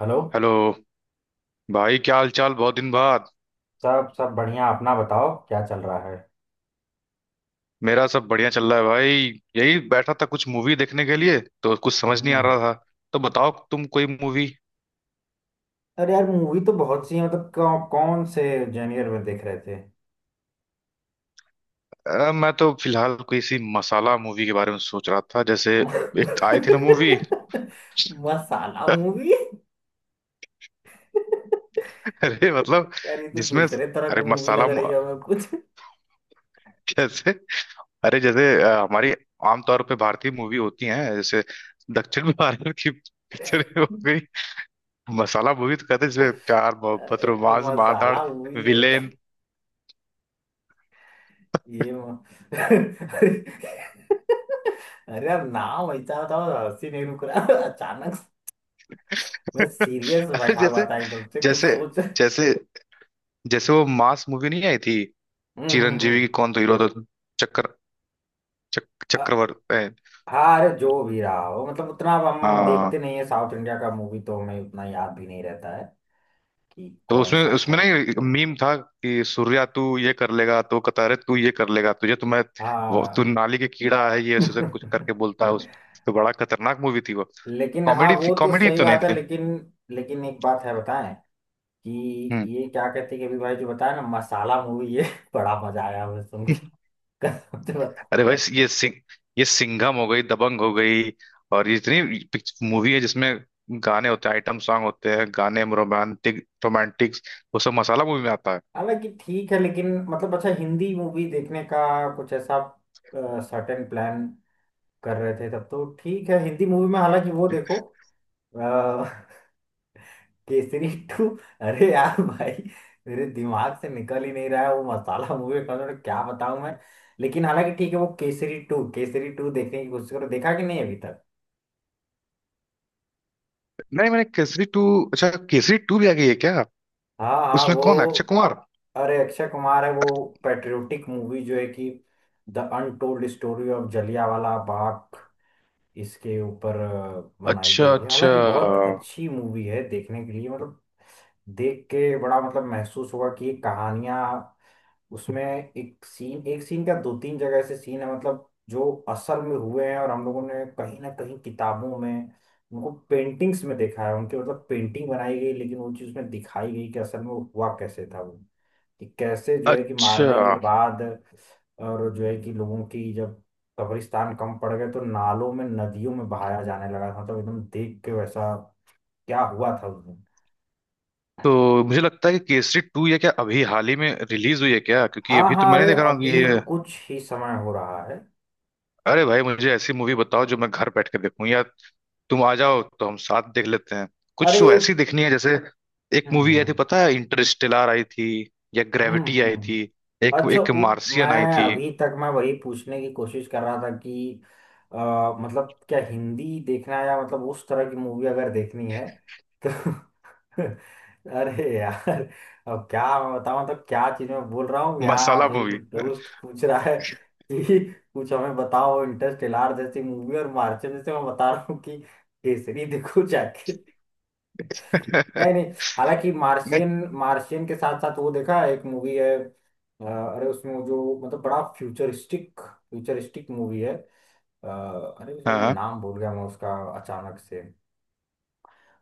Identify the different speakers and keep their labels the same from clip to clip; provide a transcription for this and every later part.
Speaker 1: Hello.
Speaker 2: Hello भाई, क्या हाल चाल? बहुत दिन बाद।
Speaker 1: सब सब बढ़िया। अपना बताओ क्या चल रहा है।
Speaker 2: मेरा सब बढ़िया चल रहा है भाई। यही बैठा था कुछ मूवी देखने के लिए, तो कुछ समझ नहीं आ
Speaker 1: हम्म।
Speaker 2: रहा था। तो बताओ तुम कोई मूवी?
Speaker 1: अरे यार, मूवी तो बहुत सी है, मतलब कौन से जेनियर में देख रहे थे।
Speaker 2: मैं तो फिलहाल कोई सी मसाला मूवी के बारे में सोच रहा था, जैसे एक आई थी ना मूवी
Speaker 1: मसाला मूवी।
Speaker 2: अरे मतलब
Speaker 1: यार, ये तो
Speaker 2: जिसमें,
Speaker 1: दूसरे तरह की
Speaker 2: अरे
Speaker 1: मूवी
Speaker 2: मसाला
Speaker 1: लग
Speaker 2: मु-
Speaker 1: रही है हमें कुछ।
Speaker 2: जैसे, अरे जैसे हमारी आमतौर पे भारतीय मूवी होती है, जैसे दक्षिण भारत की पिक्चर हो गई। मसाला मूवी तो कहते हैं जिसमें प्यार मोहब्बत
Speaker 1: अरे यार,
Speaker 2: रोमांस मार धाड़
Speaker 1: मसाला मूवी जो है,
Speaker 2: विलेन।
Speaker 1: ये म... अरे। अरे यार, नाम ऐसा बताओ, हंसी नहीं रुक रहा अचानक से। मैं सीरियस
Speaker 2: अरे
Speaker 1: बैठा हुआ
Speaker 2: जैसे
Speaker 1: था एकदम से कुछ
Speaker 2: जैसे
Speaker 1: सोच। हम्म।
Speaker 2: जैसे जैसे वो मास मूवी नहीं आई थी?
Speaker 1: हम्म।
Speaker 2: चिरंजीवी
Speaker 1: हम्म।
Speaker 2: की, कौन तो हीरो था? चक्कर, चक, चक्रवर्ती
Speaker 1: हाँ, अरे, जो भी रहा हो, मतलब उतना अब हम
Speaker 2: हाँ।
Speaker 1: देखते नहीं है साउथ इंडिया का मूवी, तो हमें उतना याद भी नहीं रहता है कि
Speaker 2: तो
Speaker 1: कौन
Speaker 2: उसमें
Speaker 1: सा
Speaker 2: उसमें
Speaker 1: था।
Speaker 2: ना मीम था कि सूर्या तू ये कर लेगा, तो कहता अरे तू ये कर लेगा, तुझे तो मैं वो तू
Speaker 1: हाँ।
Speaker 2: नाली के कीड़ा है, ये ऐसे ऐसे कुछ करके बोलता है उस। तो बड़ा खतरनाक मूवी थी वो।
Speaker 1: लेकिन हाँ,
Speaker 2: कॉमेडी थी,
Speaker 1: वो तो
Speaker 2: कॉमेडी
Speaker 1: सही
Speaker 2: तो नहीं
Speaker 1: बात है।
Speaker 2: थी।
Speaker 1: लेकिन लेकिन एक बात है बताएं, कि
Speaker 2: हम्म।
Speaker 1: ये क्या कहते हैं कि अभी भाई जो बताया ना मसाला मूवी, ये बड़ा मजा आया हमें सुन के। कसम से बता।
Speaker 2: अरे भाई ये सिंह, ये सिंघम हो गई, दबंग हो गई, और ये इतनी मूवी है जिसमें गाने होते हैं, आइटम सॉन्ग होते हैं, गाने रोमांटिक, रोमांटिक, वो सब मसाला मूवी में आता है।
Speaker 1: हालांकि ठीक है, लेकिन मतलब अच्छा हिंदी मूवी देखने का कुछ ऐसा सर्टेन प्लान कर रहे थे तब तो ठीक है। हिंदी मूवी में हालांकि वो देखो, केसरी टू। अरे यार भाई, मेरे दिमाग से निकल ही नहीं रहा है वो मसाला मूवी का, तो क्या बताऊं मैं। लेकिन हालांकि ठीक है, वो केसरी टू, केसरी टू देखने की कोशिश करो, देखा कि नहीं अभी तक।
Speaker 2: नहीं, मैंने केसरी टू, अच्छा केसरी टू भी आ गई है क्या?
Speaker 1: हाँ हाँ,
Speaker 2: उसमें
Speaker 1: वो।
Speaker 2: कौन है, अक्षय कुमार?
Speaker 1: अरे, अक्षय कुमार है वो। पेट्रियोटिक मूवी जो है कि the untold story of Jallianwala Bagh, इसके ऊपर बनाई
Speaker 2: अच्छा,
Speaker 1: गई है।
Speaker 2: अच्छा,
Speaker 1: हालांकि बहुत अच्छी मूवी है देखने के लिए, मतलब देख के बड़ा मतलब महसूस हुआ कि कहानियां, उसमें एक सीन, एक सीन का दो तीन जगह ऐसे सीन है, मतलब जो असल में हुए हैं, और हम लोगों ने कहीं ना कहीं किताबों में उनको पेंटिंग्स में देखा है, उनके मतलब पेंटिंग बनाई गई, लेकिन वो चीज़ में दिखाई गई कि असल में वो हुआ कैसे था वो, कि कैसे जो है कि
Speaker 2: अच्छा।
Speaker 1: मारने के बाद, और जो है कि लोगों की जब कब्रिस्तान कम पड़ गए तो नालों में नदियों में बहाया जाने लगा था, मतलब एकदम देख के वैसा क्या हुआ था उस दिन।
Speaker 2: तो मुझे लगता है कि केसरी टू ये क्या अभी हाल ही में रिलीज हुई है क्या? क्योंकि
Speaker 1: हाँ
Speaker 2: अभी तो
Speaker 1: हाँ,
Speaker 2: मैंने
Speaker 1: अरे
Speaker 2: देखा रहा हूँ कि
Speaker 1: अभी
Speaker 2: ये।
Speaker 1: कुछ ही समय हो रहा है।
Speaker 2: अरे भाई, मुझे ऐसी मूवी बताओ जो मैं घर बैठ कर देखूँ, या तुम आ जाओ तो हम साथ देख लेते हैं। कुछ
Speaker 1: अरे।
Speaker 2: ऐसी देखनी है, जैसे एक मूवी आई थी
Speaker 1: हम्म।
Speaker 2: पता है, इंटरस्टेलर आई थी, या
Speaker 1: हम्म।
Speaker 2: ग्रेविटी आई
Speaker 1: हम्म।
Speaker 2: थी, एक
Speaker 1: अच्छा,
Speaker 2: एक मार्सियन आई
Speaker 1: मैं
Speaker 2: थी।
Speaker 1: अभी तक, मैं वही पूछने की कोशिश कर रहा था कि मतलब क्या हिंदी देखना है, या मतलब उस तरह की मूवी अगर देखनी है तो, अरे यार अब क्या मैं बताऊं, मतलब क्या चीज मैं बोल रहा हूँ यहाँ,
Speaker 2: मसाला
Speaker 1: जो है कि
Speaker 2: मूवी
Speaker 1: दोस्त पूछ रहा है कि कुछ हमें बताओ इंटरस्टेलर जैसी मूवी, और मार्शल जैसे, मैं बता रहा हूँ कि केसरी देखो जाके। नहीं नहीं, हालांकि
Speaker 2: नहीं।
Speaker 1: मार्शियन, मार्शियन के साथ साथ वो देखा है, एक मूवी है। अरे उसमें वो, जो मतलब बड़ा फ्यूचरिस्टिक फ्यूचरिस्टिक मूवी है। अ, अरे उसमें
Speaker 2: हाँ,
Speaker 1: नाम भूल गया मैं उसका अचानक से,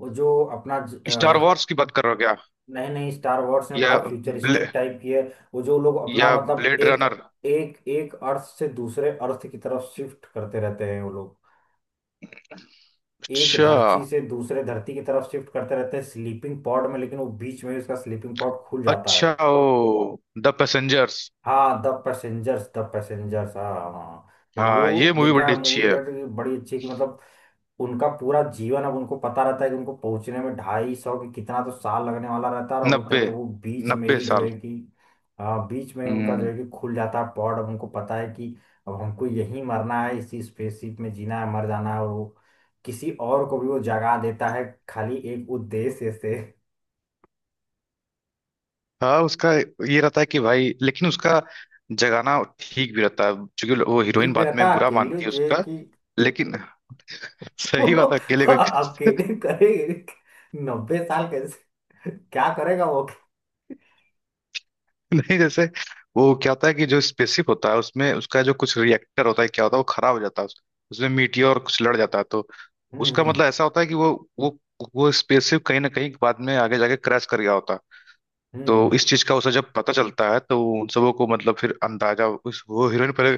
Speaker 1: वो जो अपना
Speaker 2: स्टार वॉर्स की बात कर रहे हो क्या?
Speaker 1: नहीं नहीं, स्टार वॉर्स में बड़ा
Speaker 2: या ब्ले,
Speaker 1: फ्यूचरिस्टिक टाइप की है। वो जो लोग अपना,
Speaker 2: या
Speaker 1: मतलब
Speaker 2: ब्लेड
Speaker 1: एक,
Speaker 2: रनर।
Speaker 1: एक एक अर्थ से दूसरे अर्थ की तरफ शिफ्ट करते रहते हैं वो लोग, एक
Speaker 2: अच्छा,
Speaker 1: धरती से दूसरे धरती की तरफ शिफ्ट करते रहते हैं स्लीपिंग पॉड में, लेकिन वो बीच में ही उसका स्लीपिंग पॉड खुल जाता
Speaker 2: अच्छा,
Speaker 1: है।
Speaker 2: ओ द पैसेंजर्स।
Speaker 1: हाँ, द पैसेंजर्स, द पैसेंजर्स। हाँ हाँ, मतलब
Speaker 2: हाँ, ये
Speaker 1: वो
Speaker 2: मूवी
Speaker 1: देखा
Speaker 2: बड़ी
Speaker 1: है
Speaker 2: अच्छी
Speaker 1: मूवी
Speaker 2: है।
Speaker 1: करके कि बड़ी अच्छी, कि मतलब उनका पूरा जीवन अब उनको पता रहता है कि उनको पहुंचने में 250, कि कितना तो साल लगने वाला रहता है, और होता है
Speaker 2: नब्बे
Speaker 1: कि वो बीच में
Speaker 2: नब्बे
Speaker 1: ही जो
Speaker 2: साल।
Speaker 1: है कि, हाँ बीच में उनका जो
Speaker 2: हम्म।
Speaker 1: है कि खुल जाता है पॉड, अब उनको पता है कि अब हमको यहीं मरना है, इसी स्पेसशिप में जीना है, मर जाना है, और वो किसी और को भी वो जगा देता है खाली एक उद्देश्य से।
Speaker 2: हाँ उसका, ये रहता है कि भाई, लेकिन उसका जगाना ठीक भी रहता है, क्योंकि वो हीरोइन
Speaker 1: ठीक में
Speaker 2: बाद
Speaker 1: रहता
Speaker 2: में
Speaker 1: है,
Speaker 2: बुरा
Speaker 1: अकेले
Speaker 2: मानती है
Speaker 1: जो है
Speaker 2: उसका,
Speaker 1: कि,
Speaker 2: लेकिन सही बात है, अकेले कोई
Speaker 1: अब केटिंग करेगी 90 साल कैसे, क्या करेगा वो।
Speaker 2: नहीं, जैसे वो क्या होता है कि जो स्पेसशिप होता है, उसमें उसका जो कुछ रिएक्टर होता है, क्या होता है, वो खराब हो जाता है उस-। उसमें मीटियोर कुछ लड़ जाता है, तो
Speaker 1: हम्म।
Speaker 2: उसका
Speaker 1: हम्म।
Speaker 2: मतलब ऐसा होता है कि वो वो स्पेसशिप कहीं ना कहीं बाद में आगे जाके क्रैश कर गया होता है।
Speaker 1: हम्म।
Speaker 2: तो
Speaker 1: हम्म।
Speaker 2: इस चीज का उसे जब पता चलता है तो उन सबों को मतलब फिर अंदाजा, उस वो हीरोइन पहले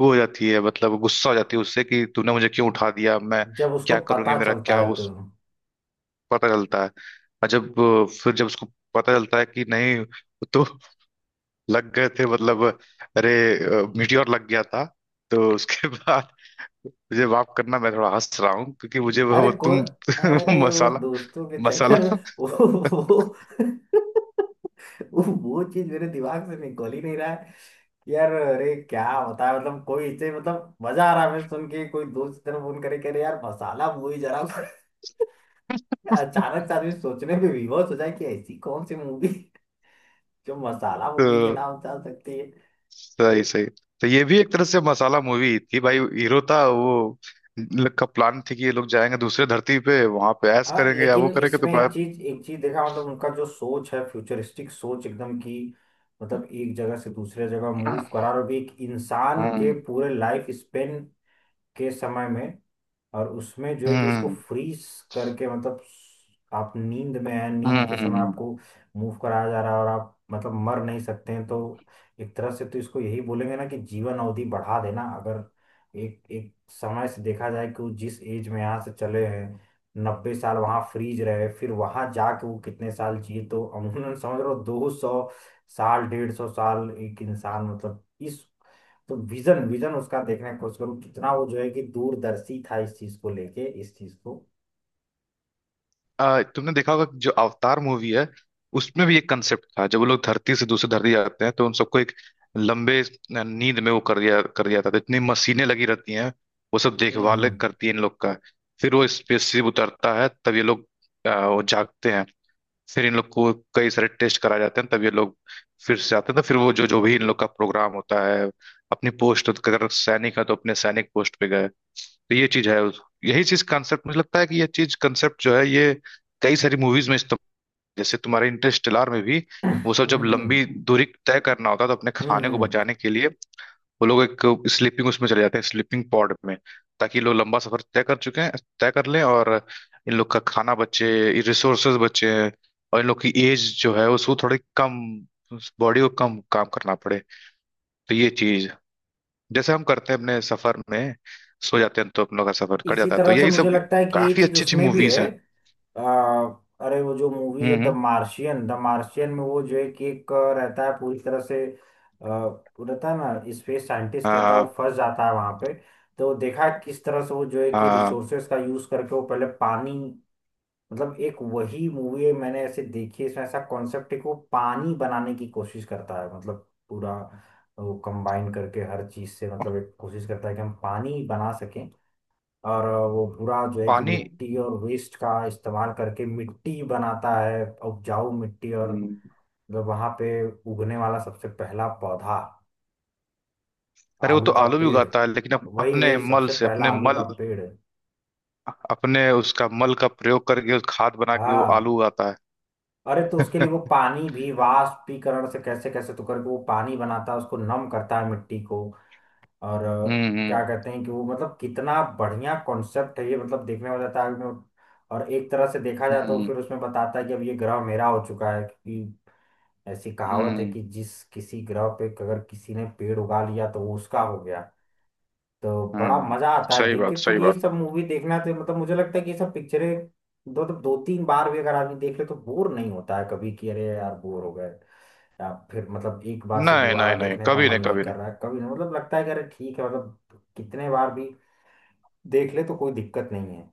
Speaker 2: वो हो जाती है, मतलब गुस्सा हो जाती है उससे कि तूने मुझे क्यों उठा दिया, मैं
Speaker 1: जब उसको
Speaker 2: क्या करूंगी,
Speaker 1: पता
Speaker 2: मेरा
Speaker 1: चलता
Speaker 2: क्या
Speaker 1: है तो,
Speaker 2: उस, पता चलता है। और जब फिर जब उसको पता चलता है कि नहीं, वो तो लग गए थे मतलब, अरे मीटियोर लग गया था। तो उसके बाद, मुझे माफ करना मैं थोड़ा हंस रहा हूँ क्योंकि मुझे
Speaker 1: अरे
Speaker 2: वो
Speaker 1: को,
Speaker 2: तुम वो
Speaker 1: अरे वो
Speaker 2: मसाला,
Speaker 1: दोस्तों के
Speaker 2: मसाला
Speaker 1: चक्कर में वो वो वो चीज मेरे दिमाग से निकल ही नहीं रहा है। यार, अरे क्या होता है, मतलब कोई इसे, मतलब मजा आ रहा है हमें सुन के, कोई दोस्त की तरफ फोन करे करे यार मसाला मूवी जरा, अचानक से आदमी सोचने पे विवश हो जाए कि ऐसी कौन सी मूवी जो मसाला मूवी के
Speaker 2: तो
Speaker 1: नाम चल सकती है।
Speaker 2: सही, सही, तो ये भी एक तरह से मसाला मूवी थी भाई। हीरो था वो, इन लोग का प्लान थी कि ये लोग जाएंगे दूसरे धरती पे, वहां पे ऐश
Speaker 1: हाँ,
Speaker 2: करेंगे या
Speaker 1: लेकिन
Speaker 2: वो करेंगे तो।
Speaker 1: इसमें एक चीज, एक चीज देखा, मतलब उनका जो सोच है, फ्यूचरिस्टिक सोच एकदम की, मतलब एक जगह से दूसरे जगह मूव करा, और भी एक इंसान के
Speaker 2: हम्म,
Speaker 1: पूरे लाइफ स्पेन के समय में, और उसमें जो है कि उसको
Speaker 2: हम्म,
Speaker 1: फ्रीज करके, मतलब आप नींद में हैं, नींद के समय
Speaker 2: हम्म।
Speaker 1: आपको मूव कराया जा रहा है, और आप मतलब मर नहीं सकते हैं। तो एक तरह से तो इसको यही बोलेंगे ना कि जीवन अवधि बढ़ा देना, अगर एक एक समय से देखा जाए कि वो जिस एज में यहाँ से चले हैं, 90 साल वहाँ फ्रीज रहे, फिर वहाँ जाके वो कितने साल जिए, तो अमूमन समझ लो 200 साल, 150 साल एक इंसान, मतलब इस, तो विजन, विजन उसका देखने की कोशिश करूँ कितना वो जो है कि दूरदर्शी था इस चीज को लेके, इस चीज को।
Speaker 2: तुमने देखा होगा कि जो अवतार मूवी है उसमें भी एक कंसेप्ट था, जब वो लोग धरती से दूसरी धरती जाते हैं तो उन सबको एक लंबे नींद में वो कर दिया था, तो इतनी मशीनें लगी रहती हैं, वो सब देखभाल
Speaker 1: हम्म।
Speaker 2: करती है इन लोग का। फिर वो स्पेसशिप उतरता है तब ये लोग वो जागते हैं। फिर इन लोग को कई सारे टेस्ट कराए जाते हैं, तब ये लोग फिर से आते हैं, तो फिर वो जो जो भी इन लोग का प्रोग्राम होता है, अपनी पोस्ट अगर सैनिक है तो अपने सैनिक पोस्ट पे गए। तो ये चीज है उस-, यही चीज कंसेप्ट मुझे लगता है कि ये चीज कंसेप्ट जो है, ये कई सारी मूवीज में इस्तेमाल, जैसे तुम्हारे इंटरस्टेलर में भी वो सब,
Speaker 1: हम्म।
Speaker 2: जब
Speaker 1: हम्म।
Speaker 2: लंबी दूरी तय करना होता है तो अपने
Speaker 1: हम्म।
Speaker 2: खाने को
Speaker 1: हम्म।
Speaker 2: बचाने के लिए वो लोग एक स्लीपिंग उसमें चले जाते हैं, स्लीपिंग पॉड में, ताकि ये लोग लंबा सफर तय कर चुके हैं, तय कर लें, और इन लोग का खाना बचे, रिसोर्सेज बचे, और इन लोग की एज जो है उसको थोड़ी कम, बॉडी को कम काम करना पड़े। तो ये चीज, जैसे हम करते हैं अपने सफर में सो जाते हैं, तो अपनों का सफर कट
Speaker 1: इसी
Speaker 2: जाता है, तो
Speaker 1: तरह से
Speaker 2: यही
Speaker 1: मुझे
Speaker 2: सब
Speaker 1: लगता है कि ये
Speaker 2: काफी
Speaker 1: चीज
Speaker 2: अच्छी अच्छी
Speaker 1: उसमें भी
Speaker 2: मूवीज
Speaker 1: है।
Speaker 2: हैं।
Speaker 1: आ, अरे वो जो मूवीज
Speaker 2: हम्म,
Speaker 1: है, द मार्शियन, द मार्शियन में वो जो है कि एक रहता है पूरी तरह से। वो रहता है ना स्पेस साइंटिस्ट, रहता है वो,
Speaker 2: आ,
Speaker 1: फंस जाता है वहां पे। तो देखा किस तरह से वो जो है कि
Speaker 2: आ,
Speaker 1: रिसोर्सेज का यूज करके वो पहले पानी, मतलब एक वही मूवी है मैंने ऐसे देखी है इसमें ऐसा कॉन्सेप्ट को पानी बनाने की कोशिश करता है, मतलब पूरा वो कंबाइन करके हर चीज से, मतलब एक कोशिश करता है कि हम पानी बना सकें, और वो पूरा जो है कि
Speaker 2: पानी।
Speaker 1: मिट्टी और वेस्ट का इस्तेमाल करके मिट्टी बनाता है, उपजाऊ मिट्टी, और
Speaker 2: हम्म।
Speaker 1: मतलब वहां पे उगने वाला सबसे पहला पौधा,
Speaker 2: अरे वो
Speaker 1: आलू
Speaker 2: तो
Speaker 1: का
Speaker 2: आलू भी
Speaker 1: पेड़,
Speaker 2: उगाता है लेकिन
Speaker 1: वही
Speaker 2: अपने
Speaker 1: वही
Speaker 2: मल
Speaker 1: सबसे
Speaker 2: से,
Speaker 1: पहला
Speaker 2: अपने
Speaker 1: आलू का
Speaker 2: मल,
Speaker 1: पेड़।
Speaker 2: अपने उसका मल का प्रयोग करके, उस खाद बना के वो आलू
Speaker 1: हाँ।
Speaker 2: उगाता है
Speaker 1: अरे, तो उसके लिए वो पानी भी वाष्पीकरण से कैसे कैसे तो करके वो पानी बनाता है, उसको नम करता है मिट्टी को, और
Speaker 2: हम्म, हम्म,
Speaker 1: क्या कहते हैं कि वो मतलब कितना बढ़िया कॉन्सेप्ट है ये, मतलब देखने में जाता है और एक तरह से देखा जाए तो
Speaker 2: हम्म,
Speaker 1: फिर उसमें बताता है कि अब ये ग्रह मेरा हो चुका है, क्योंकि ऐसी कहावत है
Speaker 2: हम्म,
Speaker 1: कि जिस किसी ग्रह पे अगर किसी ने पेड़ उगा लिया तो वो उसका हो गया। तो बड़ा
Speaker 2: हम्म।
Speaker 1: मजा आता है
Speaker 2: सही
Speaker 1: देख के,
Speaker 2: बात,
Speaker 1: तो
Speaker 2: सही
Speaker 1: ये
Speaker 2: बात।
Speaker 1: सब मूवी देखना, तो मतलब मुझे लगता है कि ये सब पिक्चरें दो तीन बार भी अगर आदमी देख ले तो बोर नहीं होता है कभी कि अरे यार बोर हो गए, या फिर मतलब एक बार से
Speaker 2: नहीं,
Speaker 1: दोबारा
Speaker 2: नहीं, नहीं,
Speaker 1: देखने का
Speaker 2: कभी
Speaker 1: मन
Speaker 2: नहीं,
Speaker 1: नहीं
Speaker 2: कभी
Speaker 1: कर
Speaker 2: नहीं।
Speaker 1: रहा है कभी नहीं, मतलब लगता है कि अरे ठीक है, मतलब कितने बार भी देख ले तो कोई दिक्कत नहीं है।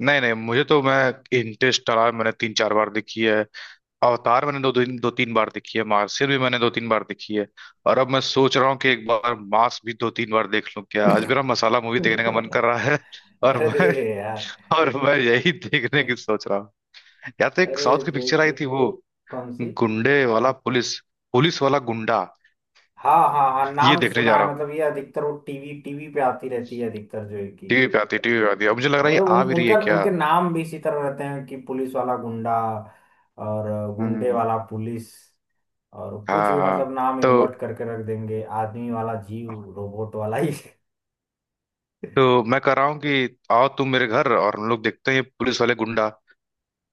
Speaker 2: नहीं, नहीं, मुझे तो मैं इंटरेस्ट रहा, मैंने 3-4 बार देखी है। अवतार मैंने दो तीन बार देखी है, मार्शियल भी मैंने 2-3 बार देखी है। और अब मैं सोच रहा हूँ कि एक बार मास भी 2-3 बार देख लूं क्या, आज मेरा मसाला मूवी देखने का मन कर रहा है और
Speaker 1: अरे
Speaker 2: मैं
Speaker 1: यार।
Speaker 2: और मैं यही देखने की सोच रहा हूँ। या तो एक
Speaker 1: अरे
Speaker 2: साउथ की
Speaker 1: जय
Speaker 2: पिक्चर आई
Speaker 1: की,
Speaker 2: थी वो,
Speaker 1: कौन सी।
Speaker 2: गुंडे वाला पुलिस, पुलिस वाला गुंडा,
Speaker 1: हाँ हाँ हाँ,
Speaker 2: ये
Speaker 1: नाम
Speaker 2: देखने जा
Speaker 1: सुना
Speaker 2: रहा
Speaker 1: है,
Speaker 2: हूँ।
Speaker 1: मतलब ये अधिकतर वो टीवी टीवी पे आती रहती है अधिकतर जो है कि,
Speaker 2: टीवी पे आती है, टीवी पे आती है, अब मुझे लग रहा है ये
Speaker 1: मतलब उन
Speaker 2: आ भी रही है
Speaker 1: उनका
Speaker 2: क्या?
Speaker 1: उनके नाम भी इसी तरह रहते हैं कि पुलिस वाला गुंडा, और गुंडे
Speaker 2: हम्म।
Speaker 1: वाला पुलिस, और कुछ
Speaker 2: हाँ,
Speaker 1: भी
Speaker 2: हाँ।
Speaker 1: मतलब नाम
Speaker 2: तो
Speaker 1: इन्वर्ट करके रख देंगे, आदमी वाला जीव, रोबोट वाला ही।
Speaker 2: मैं कह रहा हूँ कि आओ तुम मेरे घर और हम लोग देखते हैं ये पुलिस वाले गुंडा।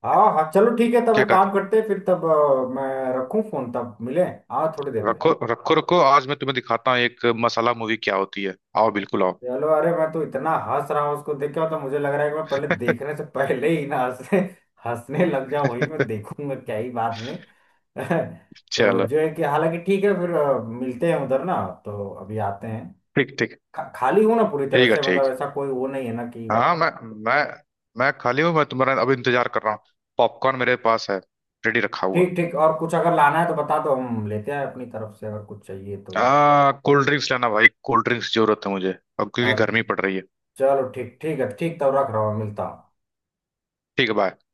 Speaker 1: हाँ हाँ, चलो ठीक है, तब
Speaker 2: क्या
Speaker 1: एक
Speaker 2: कहते
Speaker 1: काम
Speaker 2: हो?
Speaker 1: करते हैं, फिर तब मैं रखूँ फोन, तब मिले, हाँ थोड़ी देर में।
Speaker 2: रखो, रखो, रखो, आज मैं तुम्हें दिखाता हूँ एक मसाला मूवी क्या होती है। आओ, बिल्कुल आओ
Speaker 1: चलो, अरे मैं तो इतना हंस रहा हूँ उसको देख के तो मुझे लग रहा है कि मैं पहले, देखने से पहले ही ना हंसने, हंसने लग जाऊं, वही मैं देखूंगा क्या ही बाद में। तो
Speaker 2: चलो,
Speaker 1: जो है कि हालांकि ठीक है, फिर मिलते हैं उधर ना, तो अभी आते हैं।
Speaker 2: ठीक, ठीक,
Speaker 1: खाली हूँ ना पूरी
Speaker 2: ठीक
Speaker 1: तरह
Speaker 2: है
Speaker 1: से, मतलब
Speaker 2: ठीक।
Speaker 1: ऐसा कोई वो नहीं है ना कि,
Speaker 2: हाँ, मैं मैं खाली हूँ, मैं तुम्हारा अभी इंतजार कर रहा हूँ। पॉपकॉर्न मेरे पास है, रेडी रखा हुआ।
Speaker 1: ठीक ठीक, और कुछ अगर लाना है तो बता दो, हम लेते हैं अपनी तरफ से अगर कुछ चाहिए तो।
Speaker 2: आ, कोल्ड ड्रिंक्स लेना भाई, कोल्ड ड्रिंक्स जरूरत है मुझे, अब
Speaker 1: अ,
Speaker 2: क्योंकि गर्मी पड़ रही है।
Speaker 1: चलो ठीक ठीक है, ठीक, तो रख रहा हूँ, मिलता हूँ।
Speaker 2: ठीक है, बाय।